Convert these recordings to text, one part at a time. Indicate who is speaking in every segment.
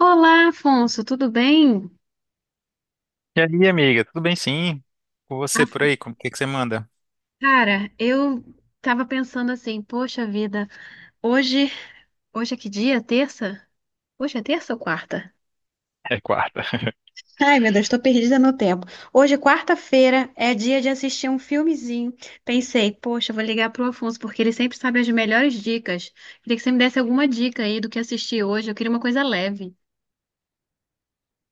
Speaker 1: Olá, Afonso, tudo bem?
Speaker 2: E aí, amiga, tudo bem sim? Com
Speaker 1: Ah,
Speaker 2: você por aí, como o que que você manda?
Speaker 1: cara, eu tava pensando assim, poxa vida, hoje, hoje é que dia? Terça? Hoje é terça ou quarta?
Speaker 2: É quarta.
Speaker 1: Ai, meu Deus, tô perdida no tempo. Hoje, quarta-feira, é dia de assistir um filmezinho. Pensei, poxa, vou ligar pro Afonso, porque ele sempre sabe as melhores dicas. Queria que você me desse alguma dica aí do que assistir hoje. Eu queria uma coisa leve.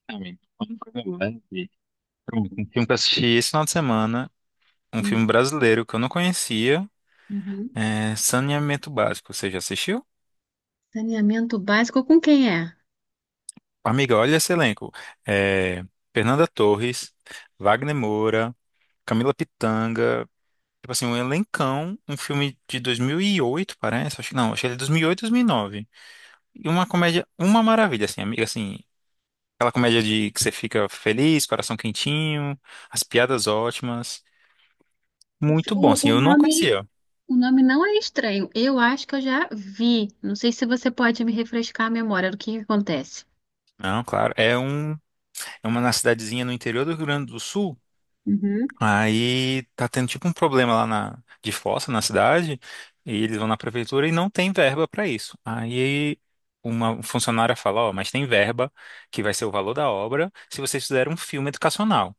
Speaker 2: Amigo, uma coisa leve. Pronto, um filme que eu assisti esse final de semana, um filme
Speaker 1: Hum,
Speaker 2: brasileiro que eu não conhecia,
Speaker 1: uhum.
Speaker 2: é Saneamento Básico. Você já assistiu?
Speaker 1: Saneamento básico com quem é?
Speaker 2: Amiga, olha esse elenco. É, Fernanda Torres, Wagner Moura, Camila Pitanga, tipo assim, um elencão, um filme de 2008, parece, acho que não, acho que ele é 2008, 2009. E uma comédia, uma maravilha, assim, amiga, assim, aquela comédia de que você fica feliz, coração quentinho, as piadas ótimas.
Speaker 1: O, fi-
Speaker 2: Muito bom, assim,
Speaker 1: o
Speaker 2: eu não
Speaker 1: nome
Speaker 2: conhecia.
Speaker 1: O nome não é estranho. Eu acho que eu já vi. Não sei se você pode me refrescar a memória do que acontece.
Speaker 2: Não, claro, é uma na cidadezinha no interior do Rio Grande do Sul.
Speaker 1: Uhum,
Speaker 2: Aí tá tendo tipo um problema lá na de fossa na cidade, e eles vão na prefeitura e não tem verba pra isso. Aí uma funcionária fala, ó, mas tem verba que vai ser o valor da obra se vocês fizerem um filme educacional.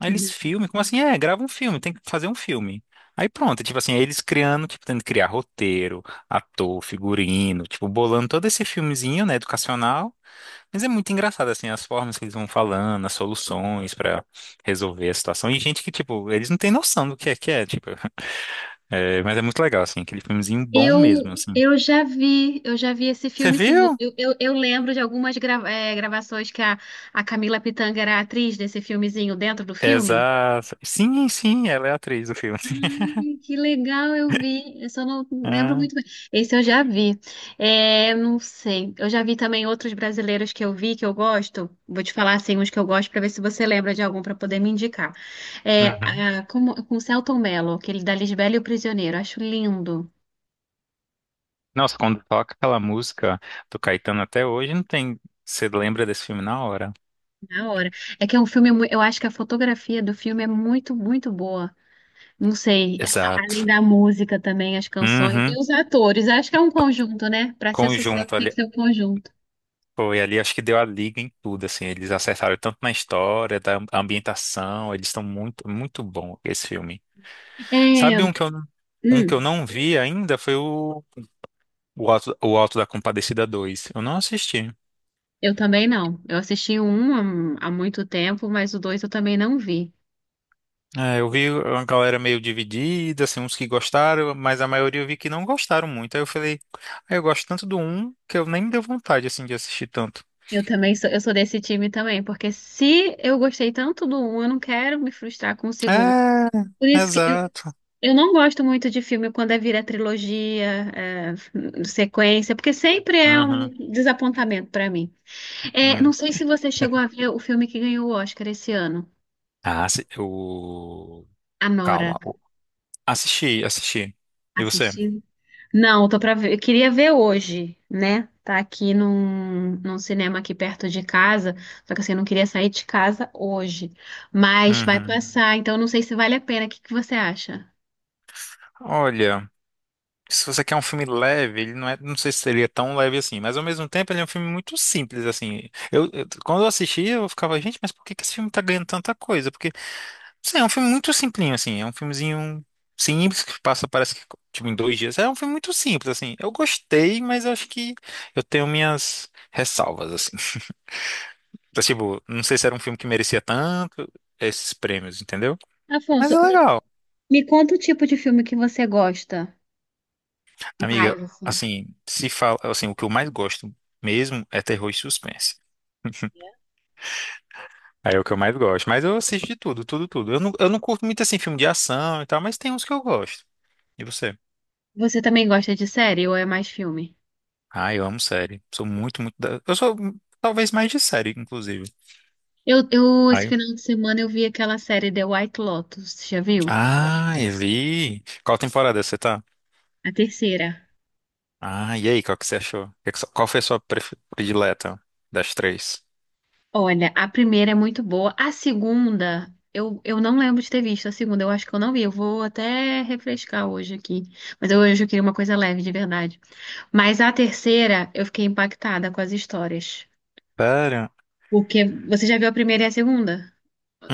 Speaker 2: Aí eles
Speaker 1: uhum.
Speaker 2: filmem, como assim? É, grava um filme, tem que fazer um filme. Aí pronto, tipo assim, eles criando, tipo, tendo que criar roteiro, ator, figurino, tipo, bolando todo esse filmezinho, né, educacional. Mas é muito engraçado, assim, as formas que eles vão falando, as soluções pra resolver a situação. E gente que, tipo, eles não têm noção do que é, tipo, é, mas é muito legal, assim, aquele filmezinho bom
Speaker 1: Eu,
Speaker 2: mesmo, assim.
Speaker 1: eu já vi, eu já vi esse
Speaker 2: Você
Speaker 1: filme, sim.
Speaker 2: viu?
Speaker 1: Eu lembro de algumas gravações que a Camila Pitanga era a atriz desse filmezinho dentro do filme.
Speaker 2: Exato. Sim, sim, ela é a atriz do filme.
Speaker 1: Ai, que legal, eu vi. Eu só não lembro
Speaker 2: Ah,
Speaker 1: muito bem. Esse eu já vi. É, não sei. Eu já vi também outros brasileiros que eu vi, que eu gosto. Vou te falar assim, uns que eu gosto, para ver se você lembra de algum para poder me indicar.
Speaker 2: uhum.
Speaker 1: Como, com Selton Mello, aquele da Lisbela e o Prisioneiro. Acho lindo.
Speaker 2: Nossa, quando toca aquela música do Caetano até hoje, não tem. Você lembra desse filme na hora?
Speaker 1: Na hora. É que é um filme. Eu acho que a fotografia do filme é muito, muito boa. Não sei. Além
Speaker 2: Exato.
Speaker 1: da música também, as canções. E
Speaker 2: Uhum.
Speaker 1: os atores. Acho que é um conjunto, né? Para ser sucesso
Speaker 2: Conjunto
Speaker 1: tem que
Speaker 2: ali.
Speaker 1: ser um conjunto.
Speaker 2: Foi ali, acho que deu a liga em tudo, assim. Eles acertaram tanto na história, da ambientação. Eles estão muito, muito bom esse filme.
Speaker 1: É.
Speaker 2: Sabe um que eu, não- um que eu
Speaker 1: Hum.
Speaker 2: não vi ainda foi o Alto da Compadecida 2. Eu não assisti.
Speaker 1: Eu também não. Eu assisti o um há muito tempo, mas o dois eu também não vi.
Speaker 2: É, eu vi uma galera meio dividida, assim, uns que gostaram, mas a maioria eu vi que não gostaram muito. Aí eu falei, ah, eu gosto tanto do um que eu nem me deu vontade, assim, de assistir tanto.
Speaker 1: Eu também sou, eu sou desse time também, porque se eu gostei tanto do um, eu não quero me frustrar com o segundo.
Speaker 2: É,
Speaker 1: Por isso que eu,
Speaker 2: exato.
Speaker 1: eu não gosto muito de filme quando é vira trilogia, é, sequência, porque sempre é
Speaker 2: Uhum.
Speaker 1: um desapontamento pra mim. É, não
Speaker 2: Hum.
Speaker 1: sei se você chegou a ver o filme que ganhou o Oscar esse ano,
Speaker 2: Ah,
Speaker 1: Anora.
Speaker 2: Calma. Assisti, assisti. E você?
Speaker 1: Assistiu? Não, tô pra ver. Eu queria ver hoje, né? Tá aqui num cinema aqui perto de casa. Só que assim, eu não queria sair de casa hoje. Mas vai
Speaker 2: Uhum.
Speaker 1: passar, então não sei se vale a pena. O que que você acha?
Speaker 2: Olha, se você quer um filme leve, ele não é, não sei se seria tão leve assim, mas ao mesmo tempo ele é um filme muito simples, assim. Quando eu assistia, eu ficava, gente, mas por que que esse filme tá ganhando tanta coisa? Porque sim, é um filme muito simplinho, assim. É um filmezinho simples que passa, parece que, tipo, em 2 dias. É um filme muito simples, assim. Eu gostei, mas eu acho que eu tenho minhas ressalvas, assim. Então, tipo, não sei se era um filme que merecia tanto esses prêmios, entendeu? Mas
Speaker 1: Afonso,
Speaker 2: é
Speaker 1: me,
Speaker 2: legal.
Speaker 1: me conta o tipo de filme que você gosta
Speaker 2: Amiga,
Speaker 1: mais, assim.
Speaker 2: assim, se fala, assim, o que eu mais gosto mesmo é terror e suspense. Aí é o que eu mais gosto. Mas eu assisto de tudo, tudo, tudo. Eu não curto muito, assim, filme de ação e tal, mas tem uns que eu gosto. E você?
Speaker 1: Você também gosta de série ou é mais filme?
Speaker 2: Ah, eu amo série. Sou muito, muito eu sou talvez mais de série, inclusive.
Speaker 1: Esse
Speaker 2: Aí.
Speaker 1: final de semana eu vi aquela série The White Lotus, já viu?
Speaker 2: Ah, eu vi. Qual temporada você tá?
Speaker 1: A terceira.
Speaker 2: Ah, e aí, qual que você achou? Qual foi a sua predileta das três?
Speaker 1: Olha, a primeira é muito boa. A segunda, eu não lembro de ter visto a segunda. Eu acho que eu não vi. Eu vou até refrescar hoje aqui. Hoje eu queria uma coisa leve, de verdade. Mas a terceira, eu fiquei impactada com as histórias.
Speaker 2: Pera.
Speaker 1: Porque você já viu a primeira e a segunda?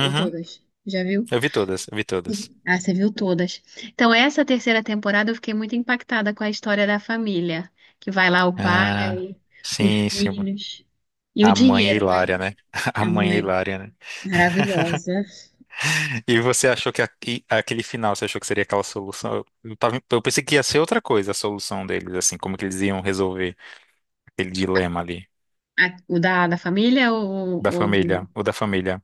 Speaker 1: Ou todas? Já viu?
Speaker 2: Eu vi todas, eu vi todas.
Speaker 1: Ah, você viu todas. Então, essa terceira temporada, eu fiquei muito impactada com a história da família. Que vai lá o
Speaker 2: Ah,
Speaker 1: pai, os
Speaker 2: sim, sim.
Speaker 1: filhos e o
Speaker 2: A mãe é
Speaker 1: dinheiro, né?
Speaker 2: hilária, né? A
Speaker 1: A
Speaker 2: mãe é
Speaker 1: mãe
Speaker 2: hilária, né?
Speaker 1: maravilhosa.
Speaker 2: E você achou e aquele final, você achou que seria aquela solução? Eu pensei que ia ser outra coisa a solução deles, assim, como que eles iam resolver aquele dilema ali.
Speaker 1: O da família,
Speaker 2: Da
Speaker 1: ou do-
Speaker 2: família, o da família.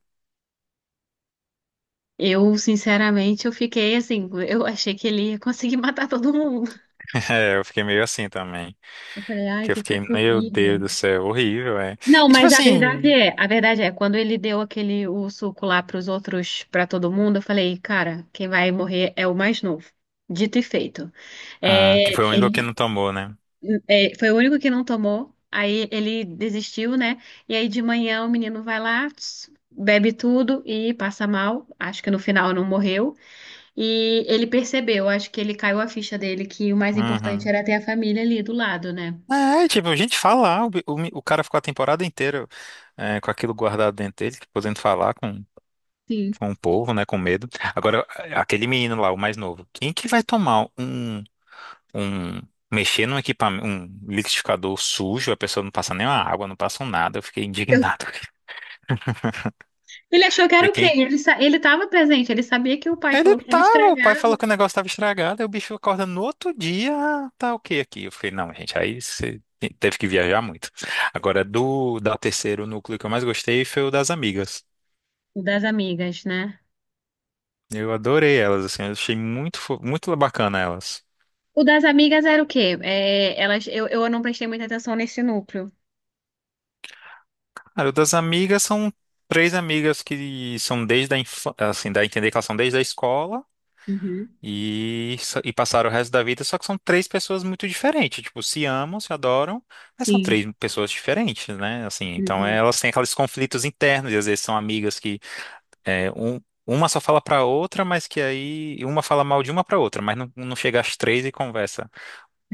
Speaker 1: eu, sinceramente, eu fiquei assim, eu achei que ele ia conseguir matar todo mundo.
Speaker 2: É, eu fiquei meio assim também.
Speaker 1: Eu falei, ai,
Speaker 2: Que eu
Speaker 1: que
Speaker 2: fiquei,
Speaker 1: coisa
Speaker 2: meu Deus
Speaker 1: horrível.
Speaker 2: do céu, horrível, é.
Speaker 1: Não,
Speaker 2: E tipo
Speaker 1: mas
Speaker 2: assim,
Speaker 1: a verdade é, quando ele deu aquele o suco lá pros outros, pra todo mundo, eu falei, cara, quem vai morrer é o mais novo. Dito e feito.
Speaker 2: ah, que
Speaker 1: É,
Speaker 2: foi o único que
Speaker 1: ele,
Speaker 2: não tomou, né?
Speaker 1: É, foi o único que não tomou. Aí ele desistiu, né? E aí de manhã o menino vai lá, tss, bebe tudo e passa mal. Acho que no final não morreu. E ele percebeu, acho que ele caiu a ficha dele que o mais importante
Speaker 2: Uhum.
Speaker 1: era ter a família ali do lado, né?
Speaker 2: É, tipo, a gente fala, ah, o, bi- o, mi- o cara ficou a temporada inteira é, com aquilo guardado dentro dele, podendo falar com,
Speaker 1: Sim.
Speaker 2: com o povo, né, com medo. Agora, aquele menino lá, o mais novo, quem que vai um, mexer num equipamento, um liquidificador sujo, a pessoa não passa nem uma água, não passa um nada, eu fiquei
Speaker 1: Eu-
Speaker 2: indignado.
Speaker 1: Ele achou que era o quê?
Speaker 2: Quem?
Speaker 1: Ele ele estava presente, ele sabia que o pai
Speaker 2: Ele
Speaker 1: falou que estava
Speaker 2: tava, o pai falou
Speaker 1: estragado
Speaker 2: que o negócio tava estragado, aí o bicho acorda no outro dia, "Ah, tá ok aqui." Eu falei, não, gente, aí você teve que viajar muito. Agora, do da terceiro núcleo que eu mais gostei foi o das amigas.
Speaker 1: o das amigas, né?
Speaker 2: Eu adorei elas, assim, eu achei muito, muito bacana elas.
Speaker 1: O das amigas era o quê? É, elas, eu não prestei muita atenção nesse núcleo.
Speaker 2: Cara, o das amigas são três amigas que são desde a infância, assim, dá a entender que elas são desde a escola,
Speaker 1: Uhum.
Speaker 2: E passaram o resto da vida, só que são três pessoas muito diferentes. Tipo, se amam, se adoram, mas são
Speaker 1: Sim.
Speaker 2: três pessoas diferentes, né? Assim, então
Speaker 1: Uhum.
Speaker 2: elas têm aqueles conflitos internos, e às vezes são amigas que é, um, uma só fala pra outra, mas que aí uma fala mal de uma pra outra, mas não chega às três e conversa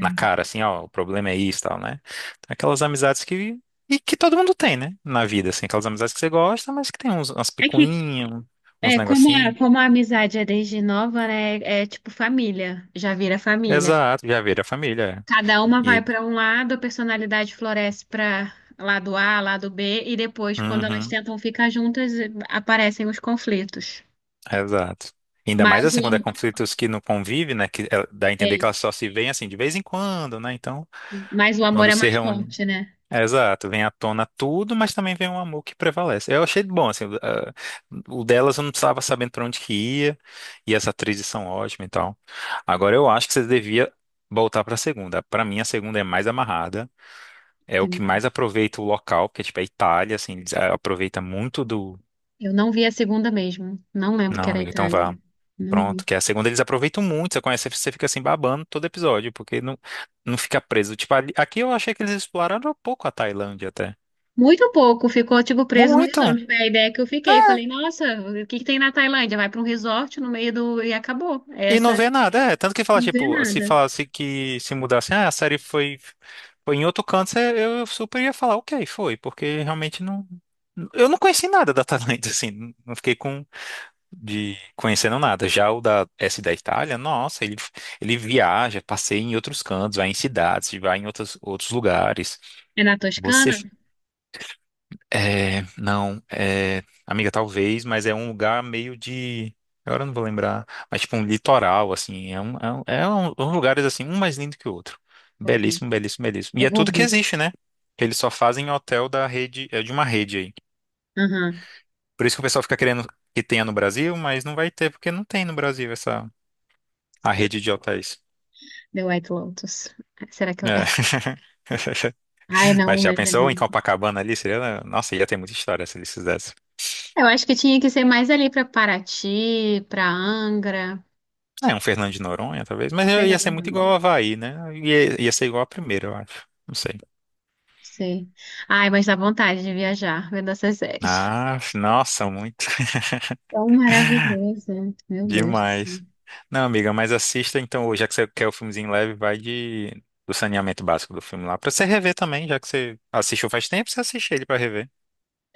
Speaker 2: na cara, assim, ó, o problema é isso e tal, né? Então, aquelas amizades que. E que todo mundo tem, né? Na vida, assim, aquelas amizades que você gosta, mas que tem umas
Speaker 1: É que,
Speaker 2: picuinhas,
Speaker 1: É,
Speaker 2: uns
Speaker 1: como
Speaker 2: negocinhos.
Speaker 1: como a amizade é desde nova, né? É tipo família, já vira família.
Speaker 2: Exato, já vira a família.
Speaker 1: Cada uma vai para um lado, a personalidade floresce para lado A, lado B, e depois, quando elas
Speaker 2: Uhum,
Speaker 1: tentam ficar juntas, aparecem os conflitos.
Speaker 2: exato. Ainda mais
Speaker 1: Mas
Speaker 2: assim,
Speaker 1: o,
Speaker 2: quando é
Speaker 1: am-
Speaker 2: conflitos que não convivem, né? Que dá a entender
Speaker 1: É,
Speaker 2: que elas só se veem assim de vez em quando, né? Então,
Speaker 1: mas o amor
Speaker 2: quando
Speaker 1: é
Speaker 2: se
Speaker 1: mais
Speaker 2: reúne.
Speaker 1: forte, né?
Speaker 2: Exato, vem à tona tudo, mas também vem um amor que prevalece. Eu achei bom, assim, ah, o delas eu não estava sabendo para onde que ia, e as atrizes são ótimas e tal. Agora eu acho que você devia voltar para a segunda. Para mim, a segunda é mais amarrada, é o que
Speaker 1: Sim.
Speaker 2: mais aproveita o local, porque tipo, é Itália, assim, eles, ah, aproveita muito do.
Speaker 1: Eu não vi a segunda mesmo. Não lembro que
Speaker 2: Não,
Speaker 1: era a
Speaker 2: amigo, então
Speaker 1: Itália.
Speaker 2: vá.
Speaker 1: Não vi.
Speaker 2: Pronto, que é a segunda eles aproveitam muito, você conhece, você fica assim babando todo episódio, porque não fica preso. Tipo, aqui eu achei que eles exploraram um pouco a Tailândia até.
Speaker 1: Muito pouco, ficou tipo preso no
Speaker 2: Muito!
Speaker 1: resort. Foi a ideia que eu fiquei. Falei, nossa, o que que tem na Tailândia? Vai para um resort no meio do. E acabou.
Speaker 2: E não
Speaker 1: Essa
Speaker 2: vê nada, é. Tanto que fala,
Speaker 1: não vê
Speaker 2: tipo, se
Speaker 1: nada.
Speaker 2: falasse que se mudasse, ah, a série foi, em outro canto, eu super ia falar, ok, foi, porque realmente não. Eu não conheci nada da Tailândia, assim, não fiquei com de conhecendo nada. Já o da Itália, nossa, ele viaja, passeia em outros cantos, vai em cidades, vai em outros, outros lugares.
Speaker 1: É na
Speaker 2: Você.
Speaker 1: Toscana?
Speaker 2: É, não, é, amiga, talvez, mas é um lugar meio de. Agora eu não vou lembrar, mas tipo um litoral, assim. Uns lugares assim, um mais lindo que o outro.
Speaker 1: Ok,
Speaker 2: Belíssimo, belíssimo, belíssimo. E
Speaker 1: eu
Speaker 2: é
Speaker 1: vou
Speaker 2: tudo que
Speaker 1: ver.
Speaker 2: existe, né? Eles só fazem hotel da rede, é de uma rede aí.
Speaker 1: Aham.
Speaker 2: Por isso que o pessoal fica querendo que tenha no Brasil, mas não vai ter, porque não tem no Brasil essa a rede de hotéis.
Speaker 1: The White Lotus. Será que eu...
Speaker 2: É.
Speaker 1: Ai,
Speaker 2: Mas
Speaker 1: não,
Speaker 2: já
Speaker 1: mas... é
Speaker 2: pensou em
Speaker 1: muito.
Speaker 2: Copacabana ali? Seria, né? Nossa, ia ter muita história se eles fizessem.
Speaker 1: Eu acho que tinha que ser mais ali pra Paraty, pra Angra.
Speaker 2: É, um Fernando de Noronha, talvez. Mas ia ser muito igual ao
Speaker 1: Fernando.
Speaker 2: Havaí, né? Ia ser igual a primeira, eu acho. Não sei.
Speaker 1: Sei. Ai, mas dá vontade de viajar vendo essas séries.
Speaker 2: Ah, nossa, muito.
Speaker 1: Tão maravilhoso. Meu Deus do céu.
Speaker 2: Demais. Não, amiga, mas assista então, já que você quer o filmezinho leve, vai de do Saneamento Básico do filme lá, pra você rever também, já que você assistiu faz tempo, você assiste ele pra rever.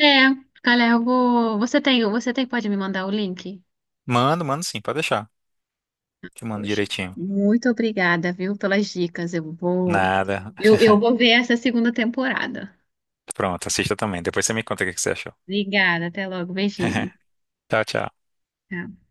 Speaker 1: É, galera, eu vou... você tem, pode me mandar o link?
Speaker 2: Mando, mando sim, pode deixar. Te mando
Speaker 1: Poxa,
Speaker 2: direitinho.
Speaker 1: muito obrigada, viu, pelas dicas. Eu vou...
Speaker 2: Nada.
Speaker 1: Eu vou ver essa segunda temporada.
Speaker 2: Pronto, assista também. Depois você me conta o que que você achou.
Speaker 1: Obrigada, até logo. Beijinho.
Speaker 2: Tchau, tchau.
Speaker 1: Tchau.